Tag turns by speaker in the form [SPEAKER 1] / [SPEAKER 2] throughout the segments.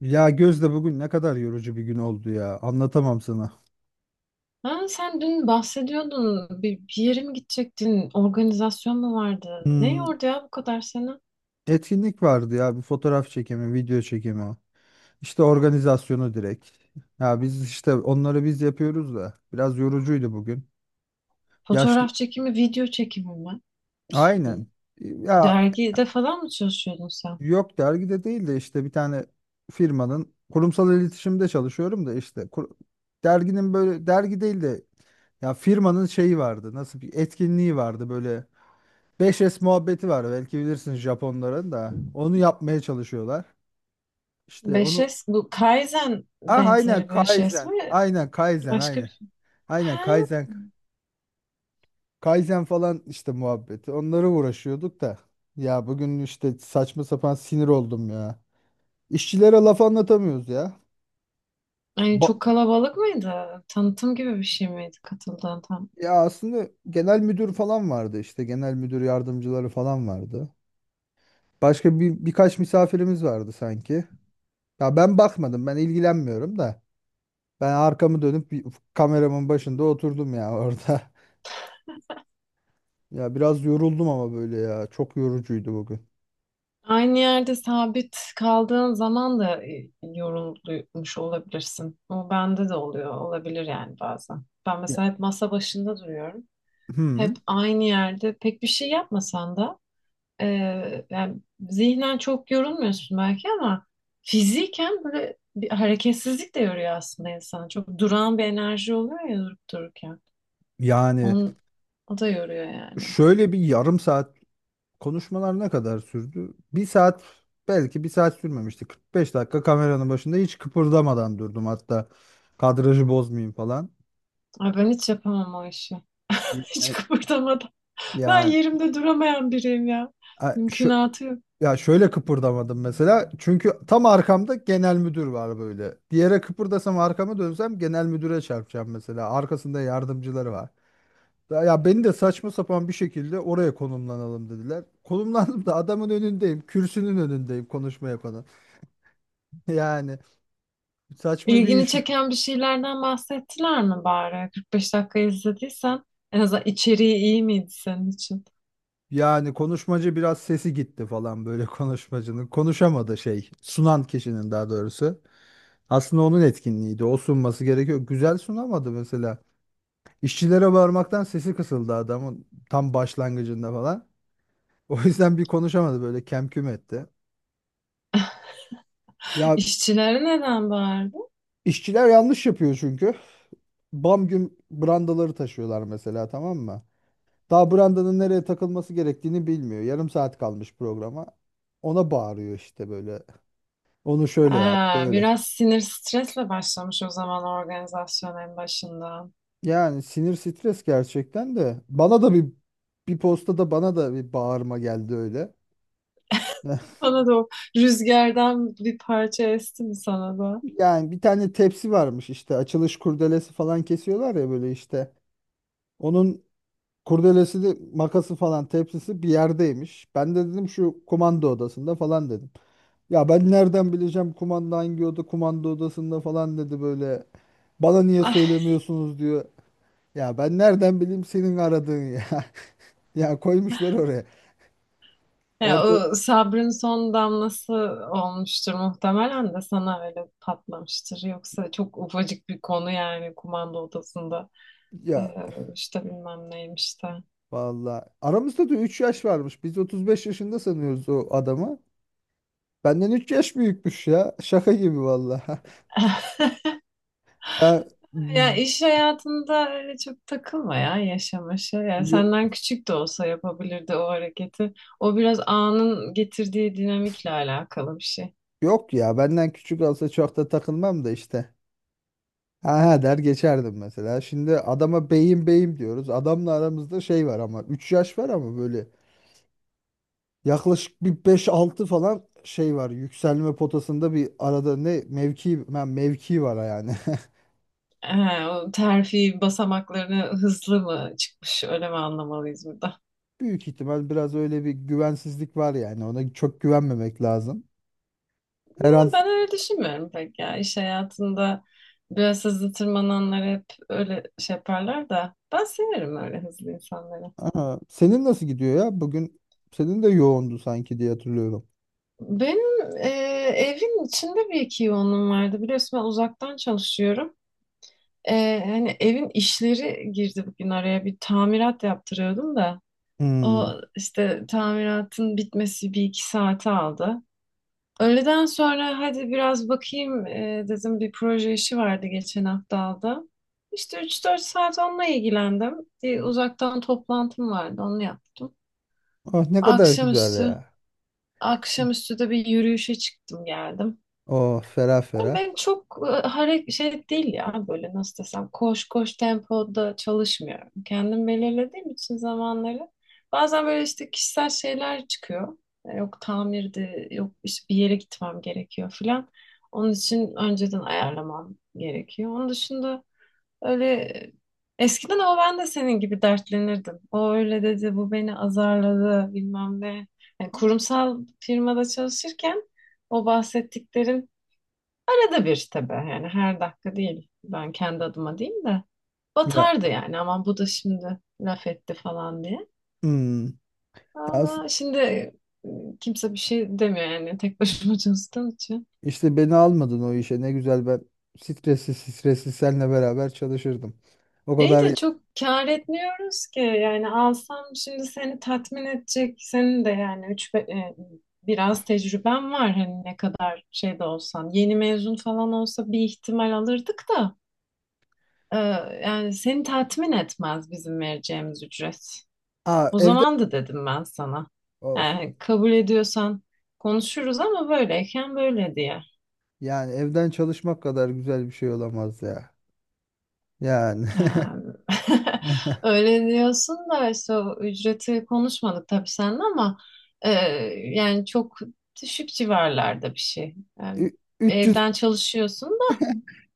[SPEAKER 1] Ya Gözde bugün ne kadar yorucu bir gün oldu ya. Anlatamam sana.
[SPEAKER 2] Ha, sen dün bahsediyordun. Bir yere mi gidecektin? Organizasyon mu vardı? Ne
[SPEAKER 1] Hmm,
[SPEAKER 2] yordu ya bu kadar seni?
[SPEAKER 1] etkinlik vardı ya. Bir fotoğraf çekimi, video çekimi. İşte organizasyonu direkt. Ya biz işte onları biz yapıyoruz da. Biraz yorucuydu bugün. Yaşlı...
[SPEAKER 2] Fotoğraf çekimi, video çekimi mi? Ş-
[SPEAKER 1] Aynen. Ya
[SPEAKER 2] Dergide falan mı çalışıyordun sen?
[SPEAKER 1] yok dergide değil de işte bir tane firmanın kurumsal iletişimde çalışıyorum da derginin böyle dergi değil de ya firmanın şeyi vardı. Nasıl bir etkinliği vardı böyle. Beş s muhabbeti var belki bilirsin Japonların da. Onu yapmaya çalışıyorlar. İşte onu
[SPEAKER 2] 5S, bu Kaizen
[SPEAKER 1] ah aynen
[SPEAKER 2] benzeri 5S
[SPEAKER 1] Kaizen.
[SPEAKER 2] mi?
[SPEAKER 1] Aynen Kaizen
[SPEAKER 2] Başka bir
[SPEAKER 1] aynen.
[SPEAKER 2] şey.
[SPEAKER 1] Aynen
[SPEAKER 2] Ha,
[SPEAKER 1] Kaizen. Kaizen falan işte muhabbeti. Onlara uğraşıyorduk da. Ya bugün işte saçma sapan sinir oldum ya. İşçilere laf anlatamıyoruz ya.
[SPEAKER 2] yani
[SPEAKER 1] Ba-
[SPEAKER 2] çok kalabalık mıydı? Tanıtım gibi bir şey miydi katıldığın?
[SPEAKER 1] Ya aslında genel müdür falan vardı işte. Genel müdür yardımcıları falan vardı. Başka bir birkaç misafirimiz vardı sanki. Ya ben bakmadım, ben ilgilenmiyorum da. Ben arkamı dönüp bir- Kameramın başında oturdum ya orada. Ya biraz yoruldum ama böyle ya. Çok yorucuydu bugün.
[SPEAKER 2] Aynı yerde sabit kaldığın zaman da yorulmuş olabilirsin. O bende de oluyor, olabilir yani bazen. Ben
[SPEAKER 1] Ya,
[SPEAKER 2] mesela hep masa başında duruyorum. Hep
[SPEAKER 1] hmm,
[SPEAKER 2] aynı yerde pek bir şey yapmasan da e, yani zihnen çok yorulmuyorsun belki ama fiziken böyle bir hareketsizlik de yoruyor aslında insanı. Çok duran bir enerji oluyor ya durup dururken.
[SPEAKER 1] yani
[SPEAKER 2] Onun, o da yoruyor yani.
[SPEAKER 1] şöyle bir yarım saat, konuşmalar ne kadar sürdü? Bir saat, belki bir saat sürmemişti. 45 dakika kameranın başında hiç kıpırdamadan durdum hatta. Kadrajı bozmayayım falan.
[SPEAKER 2] Ay ben hiç yapamam o işi. Hiç
[SPEAKER 1] Ya-
[SPEAKER 2] kıpırdamadan. Ben
[SPEAKER 1] Yani,
[SPEAKER 2] yerimde duramayan biriyim ya. Mümkünatı yok.
[SPEAKER 1] ya şöyle kıpırdamadım mesela. Çünkü tam arkamda genel müdür var böyle. Diğere kıpırdasam arkama dönsem genel müdüre çarpacağım mesela. Arkasında yardımcıları var. Ya ya beni de saçma sapan bir şekilde oraya konumlanalım dediler. Konumlandım da adamın önündeyim. Kürsünün önündeyim konuşma yapanın. Yani saçma bir
[SPEAKER 2] İlgini
[SPEAKER 1] iş.
[SPEAKER 2] çeken bir şeylerden bahsettiler mi bari? 45 dakika izlediysen en azından içeriği iyi miydi senin için?
[SPEAKER 1] Yani konuşmacı biraz sesi gitti falan böyle konuşmacının. Konuşamadı şey. Sunan kişinin daha doğrusu. Aslında onun etkinliğiydi. O sunması gerekiyor. Güzel sunamadı mesela. İşçilere bağırmaktan sesi kısıldı adamın tam başlangıcında falan. O yüzden bir konuşamadı böyle kem küm etti. Ya
[SPEAKER 2] İşçilere neden bağırdı?
[SPEAKER 1] işçiler yanlış yapıyor çünkü. Bam güm brandaları taşıyorlar mesela, tamam mı? Daha brandanın nereye takılması gerektiğini bilmiyor. Yarım saat kalmış programa. Ona bağırıyor işte böyle. Onu şöyle yap
[SPEAKER 2] Aa,
[SPEAKER 1] böyle.
[SPEAKER 2] biraz sinir stresle başlamış o zaman organizasyon en başında.
[SPEAKER 1] Yani sinir stres gerçekten de. Bana da bir, postada bana da bir bağırma geldi öyle.
[SPEAKER 2] Sana da o rüzgardan bir parça esti mi sana da?
[SPEAKER 1] Yani bir tane tepsi varmış işte, açılış kurdelesi falan kesiyorlar ya böyle işte. Onun kurdelesi de makası falan tepsisi bir yerdeymiş. Ben de dedim şu kumanda odasında falan dedim. Ya ben nereden bileceğim kumanda hangi oda, kumanda odasında falan dedi böyle. Bana niye
[SPEAKER 2] Ah,
[SPEAKER 1] söylemiyorsunuz diyor. Ya ben nereden bileyim senin aradığın ya. Ya koymuşlar oraya.
[SPEAKER 2] ya
[SPEAKER 1] Orta,
[SPEAKER 2] o sabrın son damlası olmuştur muhtemelen de sana öyle patlamıştır. Yoksa çok ufacık bir konu yani kumanda odasında e,
[SPEAKER 1] ya
[SPEAKER 2] işte bilmem neymiş de.
[SPEAKER 1] vallahi aramızda da 3 yaş varmış. Biz 35 yaşında sanıyoruz o adamı. Benden 3 yaş büyükmüş ya. Şaka gibi vallahi. Ben-
[SPEAKER 2] Ya iş hayatında öyle çok takılma ya yaşamaşa. Yani
[SPEAKER 1] yo-
[SPEAKER 2] senden küçük de olsa yapabilirdi o hareketi. O biraz anın getirdiği dinamikle alakalı bir şey.
[SPEAKER 1] Yok ya, benden küçük olsa çok da takılmam da işte. Ha ha der geçerdim mesela. Şimdi adama beyim beyim diyoruz. Adamla aramızda şey var, ama 3 yaş var ama böyle yaklaşık bir beş altı falan şey var. Yükselme potasında bir arada ne mevki, ben mevki var yani.
[SPEAKER 2] He, o terfi basamaklarını hızlı mı çıkmış öyle mi anlamalıyız burada?
[SPEAKER 1] Büyük ihtimal biraz öyle bir güvensizlik var yani. Ona çok güvenmemek lazım. Her an.
[SPEAKER 2] Ben öyle düşünmüyorum pek ya. İş hayatında biraz hızlı tırmananlar hep öyle şey yaparlar da ben severim öyle hızlı insanları.
[SPEAKER 1] Aa, senin nasıl gidiyor ya? Bugün senin de yoğundu sanki diye hatırlıyorum.
[SPEAKER 2] Benim evin içinde bir iki yoğunluğum vardı. Biliyorsun ben uzaktan çalışıyorum. Hani evin işleri girdi bugün araya. Bir tamirat yaptırıyordum da. O
[SPEAKER 1] Hmm.
[SPEAKER 2] işte tamiratın bitmesi bir iki saate aldı. Öğleden sonra hadi biraz bakayım dedim, bir proje işi vardı geçen hafta aldım. İşte üç dört saat onunla ilgilendim. Bir uzaktan toplantım vardı, onu yaptım.
[SPEAKER 1] Oh, ne kadar güzel
[SPEAKER 2] Akşamüstü,
[SPEAKER 1] ya.
[SPEAKER 2] akşamüstü de bir yürüyüşe çıktım geldim.
[SPEAKER 1] Oh ferah
[SPEAKER 2] Ama
[SPEAKER 1] ferah.
[SPEAKER 2] ben çok hareket şey değil ya, böyle nasıl desem, koş koş tempoda çalışmıyorum. Kendim belirlediğim için zamanları, bazen böyle işte kişisel şeyler çıkıyor. Yok tamirdi, yok işte bir yere gitmem gerekiyor filan. Onun için önceden ayarlamam gerekiyor. Onun dışında öyle eskiden ama ben de senin gibi dertlenirdim. O öyle dedi, bu beni azarladı, bilmem ne. Yani kurumsal firmada çalışırken o bahsettiklerin arada bir tabii, yani her dakika değil. Ben kendi adıma değil de
[SPEAKER 1] Ya,
[SPEAKER 2] batardı yani, ama bu da şimdi laf etti falan diye.
[SPEAKER 1] hmm. Ya s-
[SPEAKER 2] Ama şimdi kimse bir şey demiyor yani, tek başıma çalıştığım için.
[SPEAKER 1] işte beni almadın o işe. Ne güzel, ben stresli stresli seninle beraber çalışırdım. O
[SPEAKER 2] İyi
[SPEAKER 1] kadar.
[SPEAKER 2] de çok kâr etmiyoruz ki yani, alsam şimdi seni tatmin edecek senin de, yani biraz tecrüben var, hani ne kadar şey de olsan, yeni mezun falan olsa bir ihtimal alırdık da e, yani seni tatmin etmez bizim vereceğimiz ücret.
[SPEAKER 1] Aa,
[SPEAKER 2] O
[SPEAKER 1] evde,
[SPEAKER 2] zaman da dedim ben sana.
[SPEAKER 1] of,
[SPEAKER 2] Yani kabul ediyorsan konuşuruz, ama böyleyken böyle diye.
[SPEAKER 1] yani evden çalışmak kadar güzel bir şey olamaz ya. Yani
[SPEAKER 2] Yani öyle diyorsun da, işte o ücreti konuşmadık tabii seninle ama e, yani çok düşük civarlarda bir şey. Yani
[SPEAKER 1] 300,
[SPEAKER 2] evden çalışıyorsun da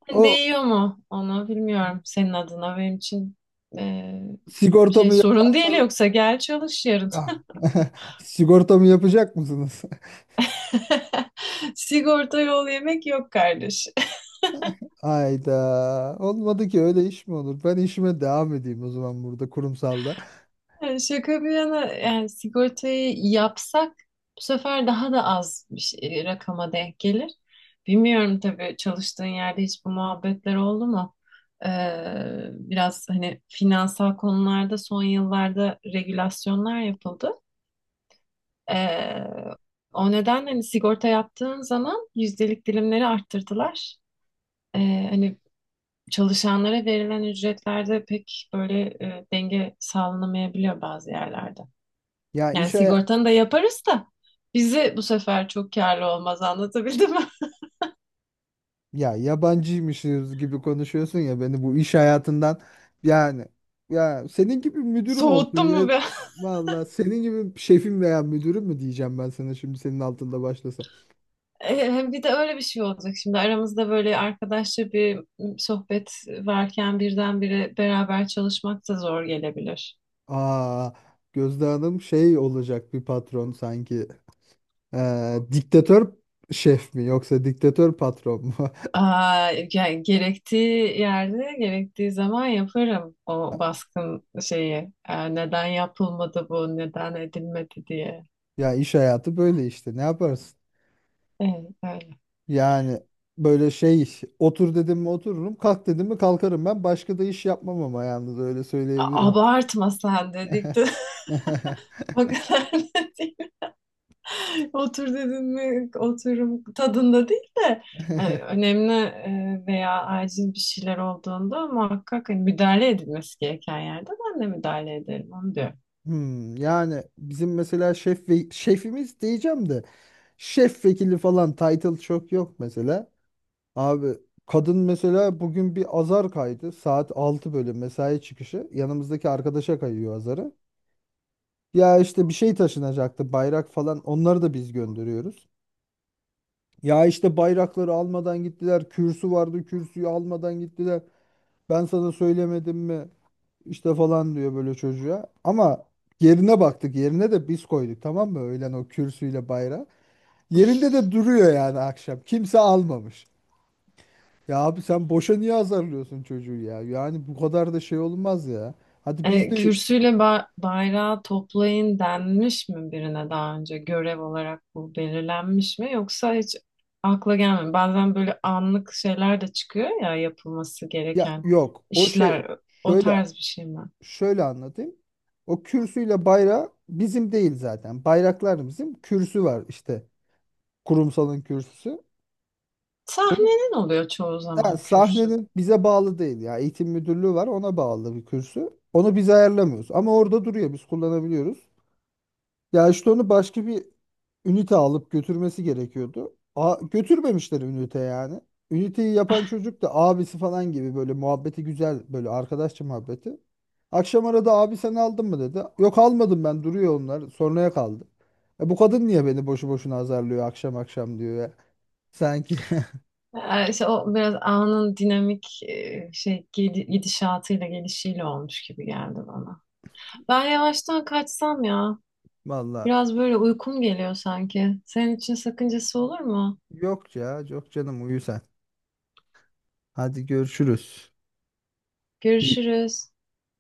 [SPEAKER 2] hani
[SPEAKER 1] o
[SPEAKER 2] değiyor mu, onu bilmiyorum senin adına, benim için e, şey
[SPEAKER 1] sigortamı
[SPEAKER 2] sorun
[SPEAKER 1] yaparsa.
[SPEAKER 2] değil, yoksa gel çalış yarın.
[SPEAKER 1] Ah, sigortamı yapacak mısınız?
[SPEAKER 2] Sigorta yol yemek yok kardeş.
[SPEAKER 1] Ayda olmadı ki öyle iş mi olur? Ben işime devam edeyim o zaman burada kurumsalda.
[SPEAKER 2] Yani şaka bir yana, yani sigortayı yapsak bu sefer daha da az bir rakama denk gelir. Bilmiyorum tabii, çalıştığın yerde hiç bu muhabbetler oldu mu? Biraz hani finansal konularda son yıllarda regülasyonlar yapıldı. Ee, O nedenle hani sigorta yaptığın zaman yüzdelik dilimleri arttırdılar. Hani çalışanlara verilen ücretlerde pek böyle denge sağlanamayabiliyor bazı yerlerde.
[SPEAKER 1] Ya
[SPEAKER 2] Yani
[SPEAKER 1] iş haya-
[SPEAKER 2] sigortanı da yaparız da bizi bu sefer çok karlı olmaz, anlatabildim mi?
[SPEAKER 1] Ya yabancıymışız gibi konuşuyorsun ya, beni bu iş hayatından, yani ya senin gibi müdürüm olsun
[SPEAKER 2] Soğuttum mu
[SPEAKER 1] ya.
[SPEAKER 2] be?
[SPEAKER 1] Vallahi senin gibi şefim veya müdürüm mü diyeceğim ben sana şimdi senin altında başlasam.
[SPEAKER 2] Hem bir de öyle bir şey olacak, şimdi aramızda böyle arkadaşça bir sohbet varken birdenbire beraber çalışmak da zor gelebilir.
[SPEAKER 1] Aa, Gözde Hanım şey olacak, bir patron sanki. Diktatör şef mi yoksa diktatör patron mu?
[SPEAKER 2] Aa, yani gerektiği yerde gerektiği zaman yaparım o baskın şeyi. Neden yapılmadı bu, neden edilmedi diye.
[SPEAKER 1] Ya iş hayatı böyle işte, ne yaparsın?
[SPEAKER 2] Evet, öyle.
[SPEAKER 1] Yani böyle şey, otur dedim mi otururum, kalk dedim mi kalkarım ben. Başka da iş yapmam ama yalnız, öyle söyleyebilirim.
[SPEAKER 2] Abartma sen dedik de o kadar da değil. Otur dedin mi oturum tadında değil de önemli veya acil bir şeyler olduğunda muhakkak hani müdahale edilmesi gereken yerde ben de müdahale ederim, onu diyor.
[SPEAKER 1] Hmm, yani bizim mesela şef ve şefimiz diyeceğim de, şef vekili falan title çok yok mesela. Abi kadın mesela bugün bir azar kaydı. Saat 6 böyle mesai çıkışı. Yanımızdaki arkadaşa kayıyor azarı. Ya işte bir şey taşınacaktı, bayrak falan, onları da biz gönderiyoruz. Ya işte bayrakları almadan gittiler. Kürsü vardı, kürsüyü almadan gittiler. Ben sana söylemedim mi? İşte falan diyor böyle çocuğa. Ama yerine baktık. Yerine de biz koyduk tamam mı? Öğlen o kürsüyle bayrağı. Yerinde de duruyor yani akşam. Kimse almamış. Ya abi sen boşa niye azarlıyorsun çocuğu ya? Yani bu kadar da şey olmaz ya. Hadi biz de,
[SPEAKER 2] Kürsüyle bayrağı toplayın denmiş mi birine, daha önce görev olarak bu belirlenmiş mi, yoksa hiç akla gelmiyor. Bazen böyle anlık şeyler de çıkıyor ya yapılması
[SPEAKER 1] ya
[SPEAKER 2] gereken
[SPEAKER 1] yok. O şey
[SPEAKER 2] işler, o
[SPEAKER 1] şöyle
[SPEAKER 2] tarz bir şey mi?
[SPEAKER 1] Şöyle anlatayım. O kürsüyle bayrağı bizim değil zaten. Bayraklar bizim. Kürsü var işte, kurumsalın kürsüsü. Onu,
[SPEAKER 2] Sahnenin oluyor çoğu
[SPEAKER 1] ha,
[SPEAKER 2] zaman kürsü.
[SPEAKER 1] sahnenin, bize bağlı değil ya. Eğitim müdürlüğü var, ona bağlı bir kürsü. Onu biz ayarlamıyoruz ama orada duruyor, biz kullanabiliyoruz. Ya işte onu başka bir ünite alıp götürmesi gerekiyordu. A, götürmemişler ünite yani. Üniteyi yapan çocuk da abisi falan gibi böyle, muhabbeti güzel, böyle arkadaşça muhabbeti. Akşam arada abi sen aldın mı dedi. Yok almadım ben, duruyor, onlar sonraya kaldı. Bu kadın niye beni boşu boşuna azarlıyor akşam akşam diyor ya. Sanki
[SPEAKER 2] İşte o biraz anın dinamik gidişatıyla gelişiyle olmuş gibi geldi bana. Ben yavaştan kaçsam ya.
[SPEAKER 1] valla.
[SPEAKER 2] Biraz böyle uykum geliyor sanki. Senin için sakıncası olur mu?
[SPEAKER 1] Yok ya, yok canım uyu sen. Hadi görüşürüz.
[SPEAKER 2] Görüşürüz.